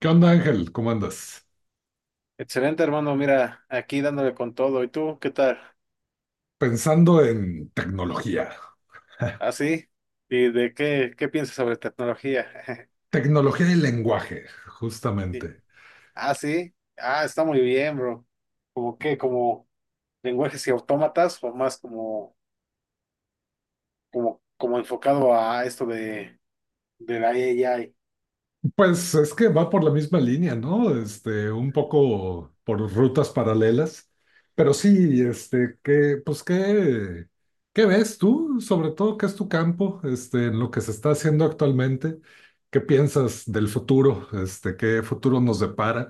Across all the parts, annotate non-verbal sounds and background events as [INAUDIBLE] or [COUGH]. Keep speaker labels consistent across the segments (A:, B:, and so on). A: ¿Qué onda, Ángel? ¿Cómo andas?
B: Excelente, hermano. Mira, aquí dándole con todo. ¿Y tú qué tal?
A: Pensando en tecnología, [LAUGHS]
B: ¿Así? ¿Y de qué piensas sobre tecnología? [LAUGHS]
A: tecnología y lenguaje,
B: Sí.
A: justamente.
B: Ah, sí. Ah, está muy bien, bro. ¿Como qué? ¿Como lenguajes y autómatas o más como enfocado a esto de la AI
A: Pues es que va por la misma línea, ¿no? Un poco por rutas paralelas, pero sí, qué ves tú, sobre todo, qué es tu campo, en lo que se está haciendo actualmente, qué piensas del futuro, qué futuro nos depara.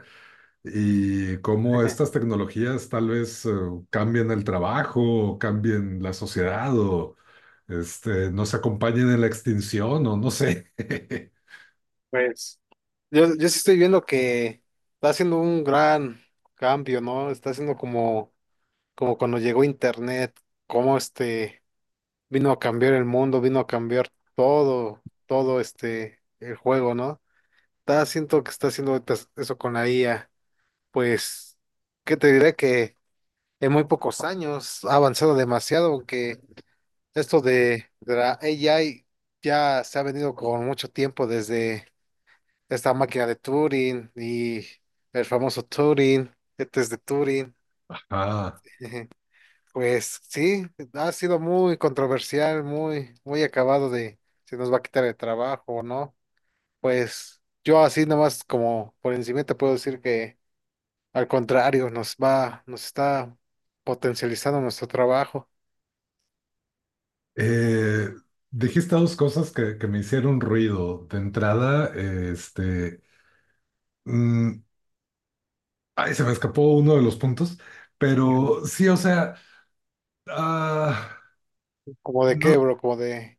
A: Y cómo estas
B: [LAUGHS]
A: tecnologías tal vez cambien el trabajo, o cambien la sociedad o nos acompañen en la extinción o no sé. [LAUGHS]
B: Pues yo sí estoy viendo que está haciendo un gran cambio, ¿no? Está haciendo como cuando llegó Internet. Como este Vino a cambiar el mundo, vino a cambiar todo el juego, ¿no? Siento que está haciendo ahorita eso con la IA. Pues, ¿qué te diré? Que en muy pocos años ha avanzado demasiado, aunque esto de la AI ya se ha venido con mucho tiempo desde esta máquina de Turing y el famoso Turing, test de Turing.
A: Ah,
B: [LAUGHS] Pues sí, ha sido muy controversial, muy, muy acabado de si nos va a quitar el trabajo o no. Pues yo así nomás como por encima te puedo decir que al contrario, nos está potencializando nuestro trabajo.
A: eh, dijiste dos cosas que me hicieron ruido. De entrada, mm, ay, se me escapó uno de los puntos,
B: [LAUGHS] Ujú.
A: pero sí, o sea, ah,
B: Como de qué,
A: no,
B: bro, como de...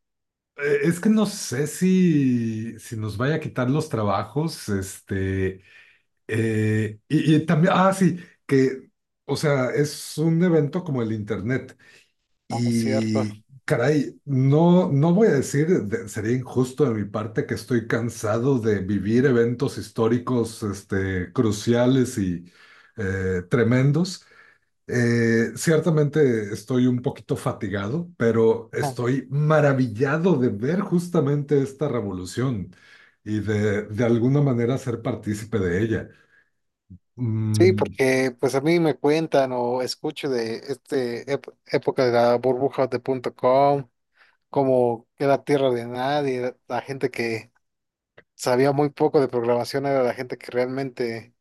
A: es que no sé si nos vaya a quitar los trabajos, y también, ah, sí, que, o sea, es un evento como el Internet.
B: Ah, es cierto.
A: Y, caray, no, no voy a decir, sería injusto de mi parte que estoy cansado de vivir eventos históricos, cruciales y tremendos. Ciertamente estoy un poquito fatigado, pero
B: Ujú.
A: estoy maravillado de ver justamente esta revolución y de alguna manera ser partícipe de ella.
B: Sí,
A: Mm,
B: porque pues a mí me cuentan o escucho de este época de la burbuja de punto com, como que era tierra de nadie, la gente que sabía muy poco de programación, era la gente que realmente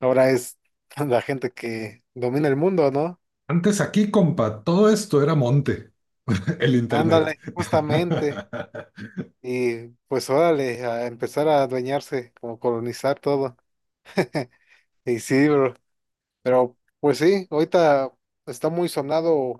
B: ahora es [LAUGHS] la gente que domina el mundo, ¿no?
A: Antes aquí, compa, todo esto era monte, [LAUGHS] el internet.
B: Ándale,
A: [LAUGHS]
B: justamente. Y pues órale, a empezar a adueñarse, como colonizar todo. [LAUGHS] Y sí, bro. Pero pues sí, ahorita está muy sonado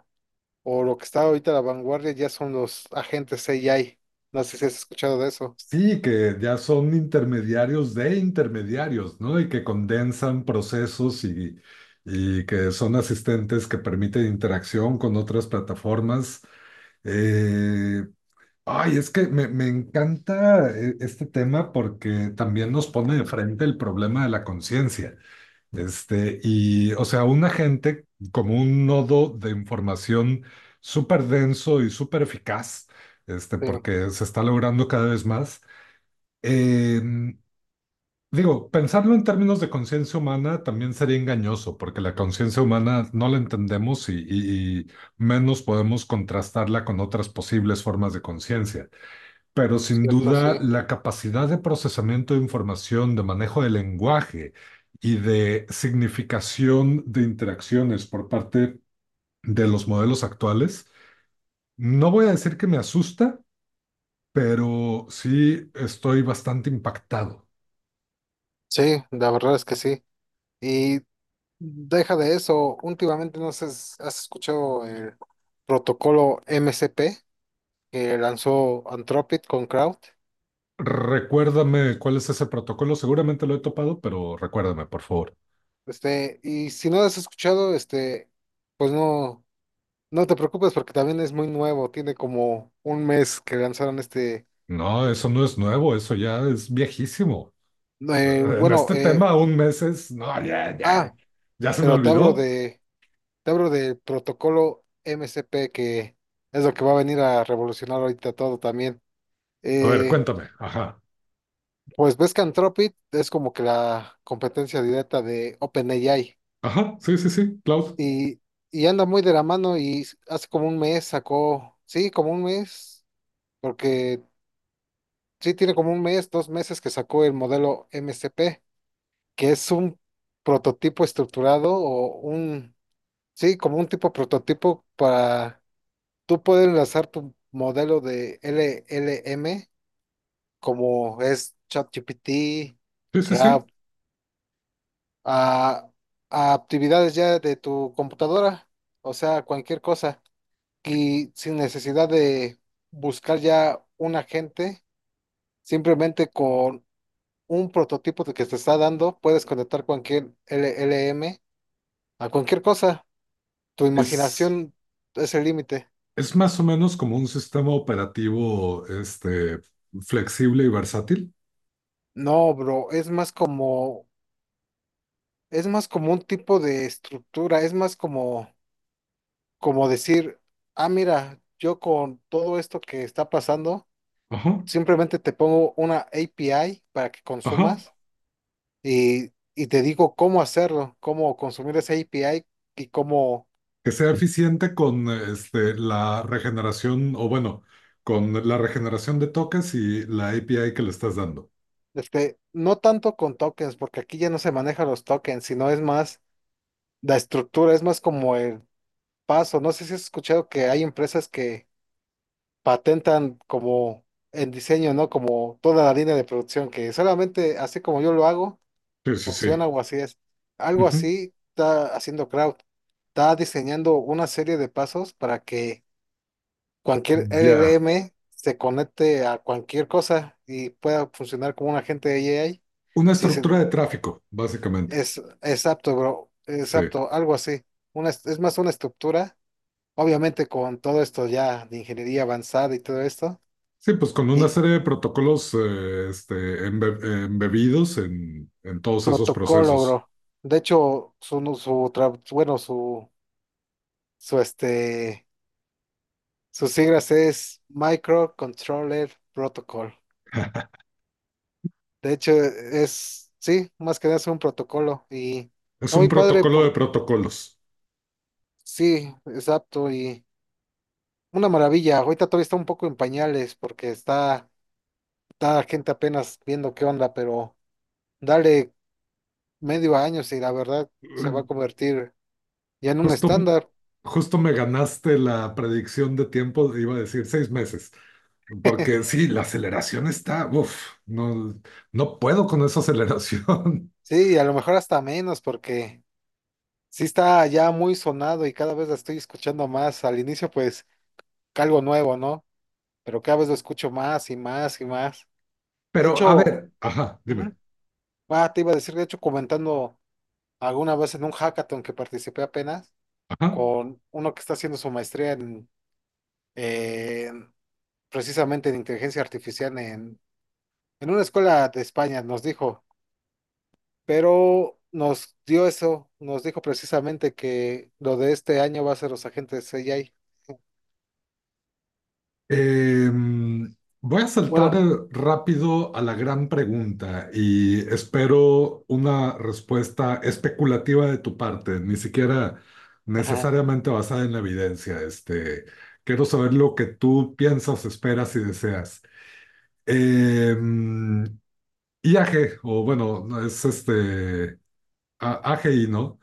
B: o lo que está ahorita a la vanguardia ya son los agentes AI. No sé si has escuchado de eso.
A: Sí, que ya son intermediarios de intermediarios, ¿no? Y que condensan procesos y que son asistentes que permiten interacción con otras plataformas. Eh, Ay, es que me encanta este tema porque también nos pone de frente el problema de la conciencia. O sea, una gente como un nodo de información súper denso y súper eficaz,
B: Sí,
A: porque se está logrando cada vez más. Eh, Digo, pensarlo en términos de conciencia humana también sería engañoso, porque la conciencia humana no la entendemos y menos podemos contrastarla con otras posibles formas de conciencia. Pero sin
B: cierto,
A: duda,
B: sí.
A: la capacidad de procesamiento de información, de manejo del lenguaje y de significación de interacciones por parte de los modelos actuales, no voy a decir que me asusta, pero sí estoy bastante impactado.
B: Sí, la verdad es que sí. Y deja de eso. Últimamente no sé si has escuchado el protocolo MCP que lanzó Anthropic con Crowd.
A: Recuérdame cuál es ese protocolo, seguramente lo he topado, pero recuérdame, por favor.
B: Y si no lo has escuchado, pues no, no te preocupes porque también es muy nuevo. Tiene como un mes que lanzaron.
A: No, eso no es nuevo, eso ya es viejísimo.
B: eh,
A: En
B: bueno,
A: este
B: eh,
A: tema, un mes es, no,
B: ah,
A: ya se me
B: pero
A: olvidó.
B: te hablo del protocolo MCP que es lo que va a venir a revolucionar ahorita todo también.
A: A ver,
B: Eh,
A: cuéntame. Ajá.
B: Pues ves que Anthropic es como que la competencia directa de OpenAI
A: Ajá. Sí, sí, sí. Cloud.
B: y, y anda muy de la mano y hace como un mes sacó, sí, como un mes, porque sí tiene como un mes, 2 meses que sacó el modelo MCP, que es un prototipo estructurado o un, sí, como un tipo prototipo para tú poder enlazar tu modelo de LLM como es ChatGPT,
A: Sí, sí, sí.
B: a, a actividades ya de tu computadora, o sea, cualquier cosa, y sin necesidad de buscar ya un agente, simplemente con un prototipo de que te está dando, puedes conectar cualquier LLM a cualquier cosa. Tu
A: Es,
B: imaginación es el límite.
A: es más o menos como un sistema operativo, flexible y versátil.
B: No, bro, es más como un tipo de estructura, es más como decir, ah, mira, yo con todo esto que está pasando,
A: Ajá.
B: simplemente te pongo una API para que
A: Ajá.
B: consumas y te digo cómo hacerlo, cómo consumir esa API y cómo,
A: Que sea eficiente con, la regeneración, o bueno, con la regeneración de toques y la API que le estás dando.
B: no tanto con tokens, porque aquí ya no se manejan los tokens, sino es más la estructura, es más como el paso. No sé si has escuchado que hay empresas que patentan como el diseño, ¿no? Como toda la línea de producción, que solamente así como yo lo hago
A: Sí, sí, sí.
B: funciona o así es. Algo
A: Ujú.
B: así está haciendo Crowd. Está diseñando una serie de pasos para que cualquier
A: Ya.
B: LLM se conecte a cualquier cosa y pueda funcionar como un agente de AI.
A: Una
B: Si
A: estructura
B: se-
A: de tráfico, básicamente.
B: Es apto, bro. Es
A: Sí.
B: apto, algo así. Es más una estructura, obviamente con todo esto ya de ingeniería avanzada y todo esto.
A: Sí, pues con una
B: Y
A: serie de protocolos embebidos en todos esos
B: protocolo,
A: procesos.
B: bro. De hecho, su, no, su, tra- bueno, su este Sus siglas es Microcontroller Protocol. De hecho, sí, más que nada es un protocolo y
A: Es
B: está
A: un
B: muy padre
A: protocolo de
B: por,
A: protocolos.
B: sí, exacto, y una maravilla. Ahorita todavía está un poco en pañales porque está la gente apenas viendo qué onda, pero dale medio año y la verdad se va a
A: Mm,
B: convertir ya en un
A: Justo,
B: estándar.
A: justo me ganaste la predicción de tiempo, iba a decir seis meses, porque
B: [LAUGHS]
A: sí, la aceleración está, uff, no, no puedo con esa aceleración.
B: Sí, y a lo mejor hasta menos porque sí está ya muy sonado y cada vez la estoy escuchando más. Al inicio, pues, algo nuevo, ¿no? Pero cada vez lo escucho más y más y más.
A: [LAUGHS]
B: De
A: Pero a
B: hecho,
A: ver, ajá, dime,
B: ujú, te iba a decir, de hecho, comentando alguna vez en un hackathon que participé apenas
A: ajá.
B: con uno que está haciendo su maestría en, en- precisamente en inteligencia artificial en, una escuela de España, nos dijo, pero nos dio eso, nos dijo precisamente que lo de este año va a ser los agentes AI.
A: Eh, Voy a saltar
B: Bueno,
A: rápido a la gran pregunta y espero una respuesta especulativa de tu parte, ni siquiera
B: ajá,
A: necesariamente basada en la evidencia. Quiero saber lo que tú piensas, esperas y deseas. Eh, I A G o bueno, no, es este a- AGI, ¿no?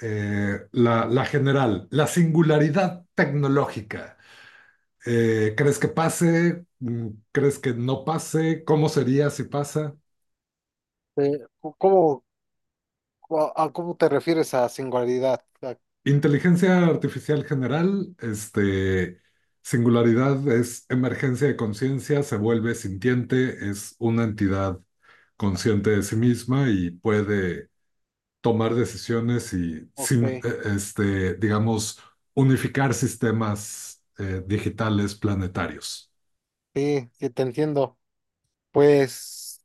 A: La, la general, la singularidad tecnológica. ¿Eh, crees que pase? ¿Mm, crees que no pase? ¿Cómo sería si pasa?
B: eh, ¿cómo, a cómo te refieres a singularidad? Ah,
A: Inteligencia artificial general, singularidad es emergencia de conciencia, se vuelve sintiente, es una entidad consciente de sí misma y puede tomar decisiones y, sin,
B: ok.
A: digamos, unificar sistemas digitales planetarios.
B: Sí, sí, te entiendo. Pues,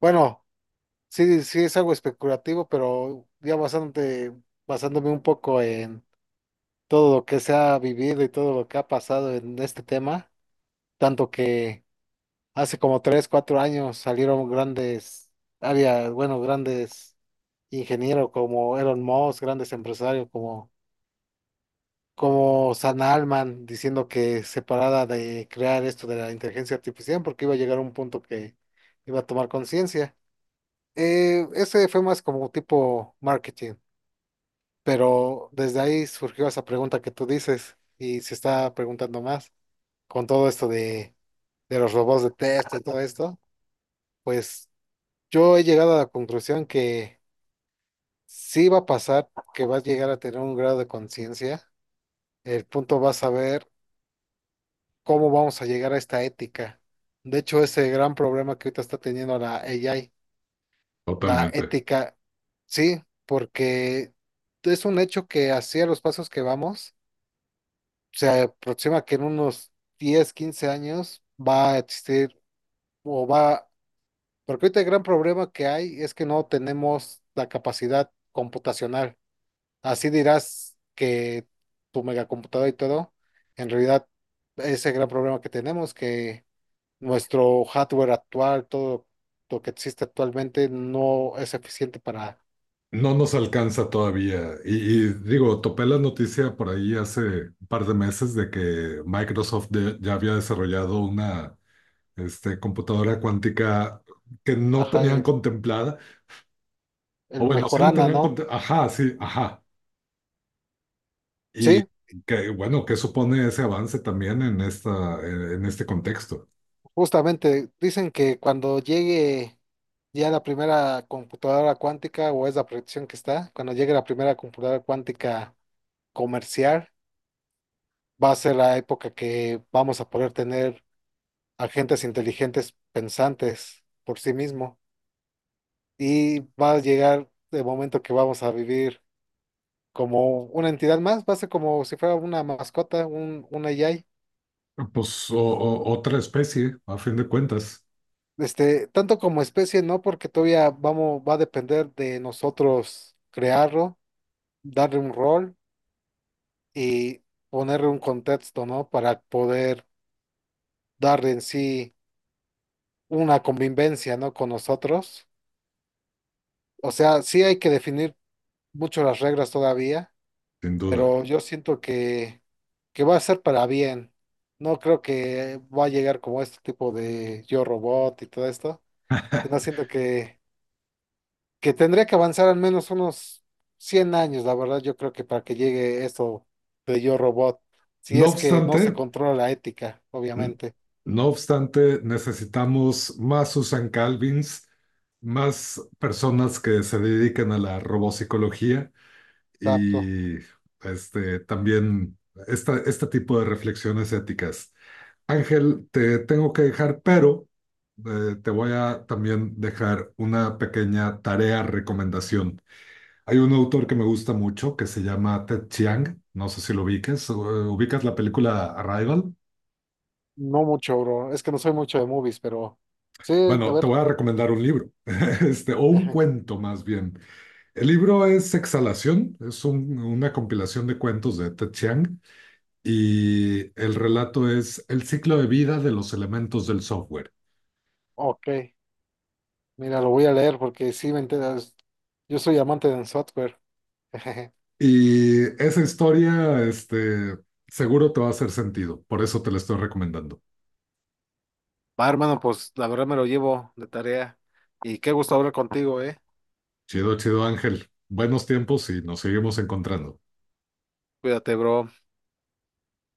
B: bueno, sí, sí es algo especulativo, pero ya bastante, basándome un poco en todo lo que se ha vivido y todo lo que ha pasado en este tema, tanto que hace como 3 o 4 años salieron bueno, grandes ingenieros como Elon Musk, grandes empresarios como Sam Altman, diciendo que se parara de crear esto de la inteligencia artificial porque iba a llegar a un punto que iba a tomar conciencia. Ese fue más como tipo marketing, pero desde ahí surgió esa pregunta que tú dices y se está preguntando más con todo esto de los robots de test y todo esto, pues yo he llegado a la conclusión que sí va a pasar, que vas a llegar a tener un grado de conciencia, el punto va a saber cómo vamos a llegar a esta ética. De hecho, ese gran problema que ahorita está teniendo la AI la
A: Totalmente.
B: ética, sí, porque es un hecho que hacia los pasos que vamos, se aproxima que en unos 10 o 15 años va a existir o va, porque ahorita el gran problema que hay es que no tenemos la capacidad computacional. Así dirás que tu megacomputadora y todo, en realidad es el gran problema que tenemos, que nuestro hardware actual, todo lo que existe actualmente no es eficiente para...
A: No nos alcanza todavía. Y digo, topé la noticia por ahí hace un par de meses de que Microsoft ya había desarrollado una computadora cuántica que no
B: Ajá,
A: tenían contemplada. O
B: el
A: bueno, sí la
B: Mejorana,
A: tenían
B: ¿no?
A: contemplada. Ajá, sí, ajá. Y
B: Sí,
A: que, bueno, ¿qué supone ese avance también en esta, en este contexto?
B: justamente dicen que cuando llegue ya la primera computadora cuántica, o es la proyección que está, cuando llegue la primera computadora cuántica comercial, va a ser la época que vamos a poder tener agentes inteligentes pensantes por sí mismo. Y va a llegar el momento que vamos a vivir como una entidad más, va a ser como si fuera una mascota, un AI.
A: Pues otra especie, a fin de cuentas,
B: Tanto como especie, ¿no? Porque todavía vamos, va a depender de nosotros crearlo, darle un rol y ponerle un contexto, ¿no? Para poder darle en sí una convivencia, ¿no? Con nosotros. O sea, sí hay que definir mucho las reglas todavía,
A: sin duda.
B: pero yo siento que va a ser para bien. No creo que va a llegar como este tipo de Yo Robot y todo esto, sino siento que tendría que avanzar al menos unos 100 años, la verdad, yo creo que para que llegue esto de Yo Robot, si
A: No
B: es que no se
A: obstante,
B: controla la ética,
A: N-
B: obviamente.
A: no obstante, necesitamos más Susan Calvins, más personas que se dediquen a la robopsicología
B: Exacto.
A: y también este tipo de reflexiones éticas. Ángel, te tengo que dejar, pero te voy a también dejar una pequeña tarea recomendación. Hay un autor que me gusta mucho que se llama Ted Chiang, no sé si lo ubicas, ubicas la película Arrival.
B: No mucho, bro. Es que no soy mucho de movies, pero sí, a
A: Bueno, te
B: ver.
A: voy a recomendar un libro, [LAUGHS] o
B: [LAUGHS]
A: un
B: Ajá.
A: cuento más bien. El libro es Exhalación, es una compilación de cuentos de Ted Chiang y el relato es El ciclo de vida de los elementos del software.
B: Ok, mira, lo voy a leer porque sí me enteras. Yo soy amante del software. [LAUGHS]
A: Y esa historia, seguro te va a hacer sentido, por eso te la estoy recomendando.
B: Va, hermano, pues la verdad me lo llevo de tarea. Y qué gusto hablar contigo, eh.
A: Chido, chido Ángel, buenos tiempos y nos seguimos encontrando.
B: Cuídate, bro.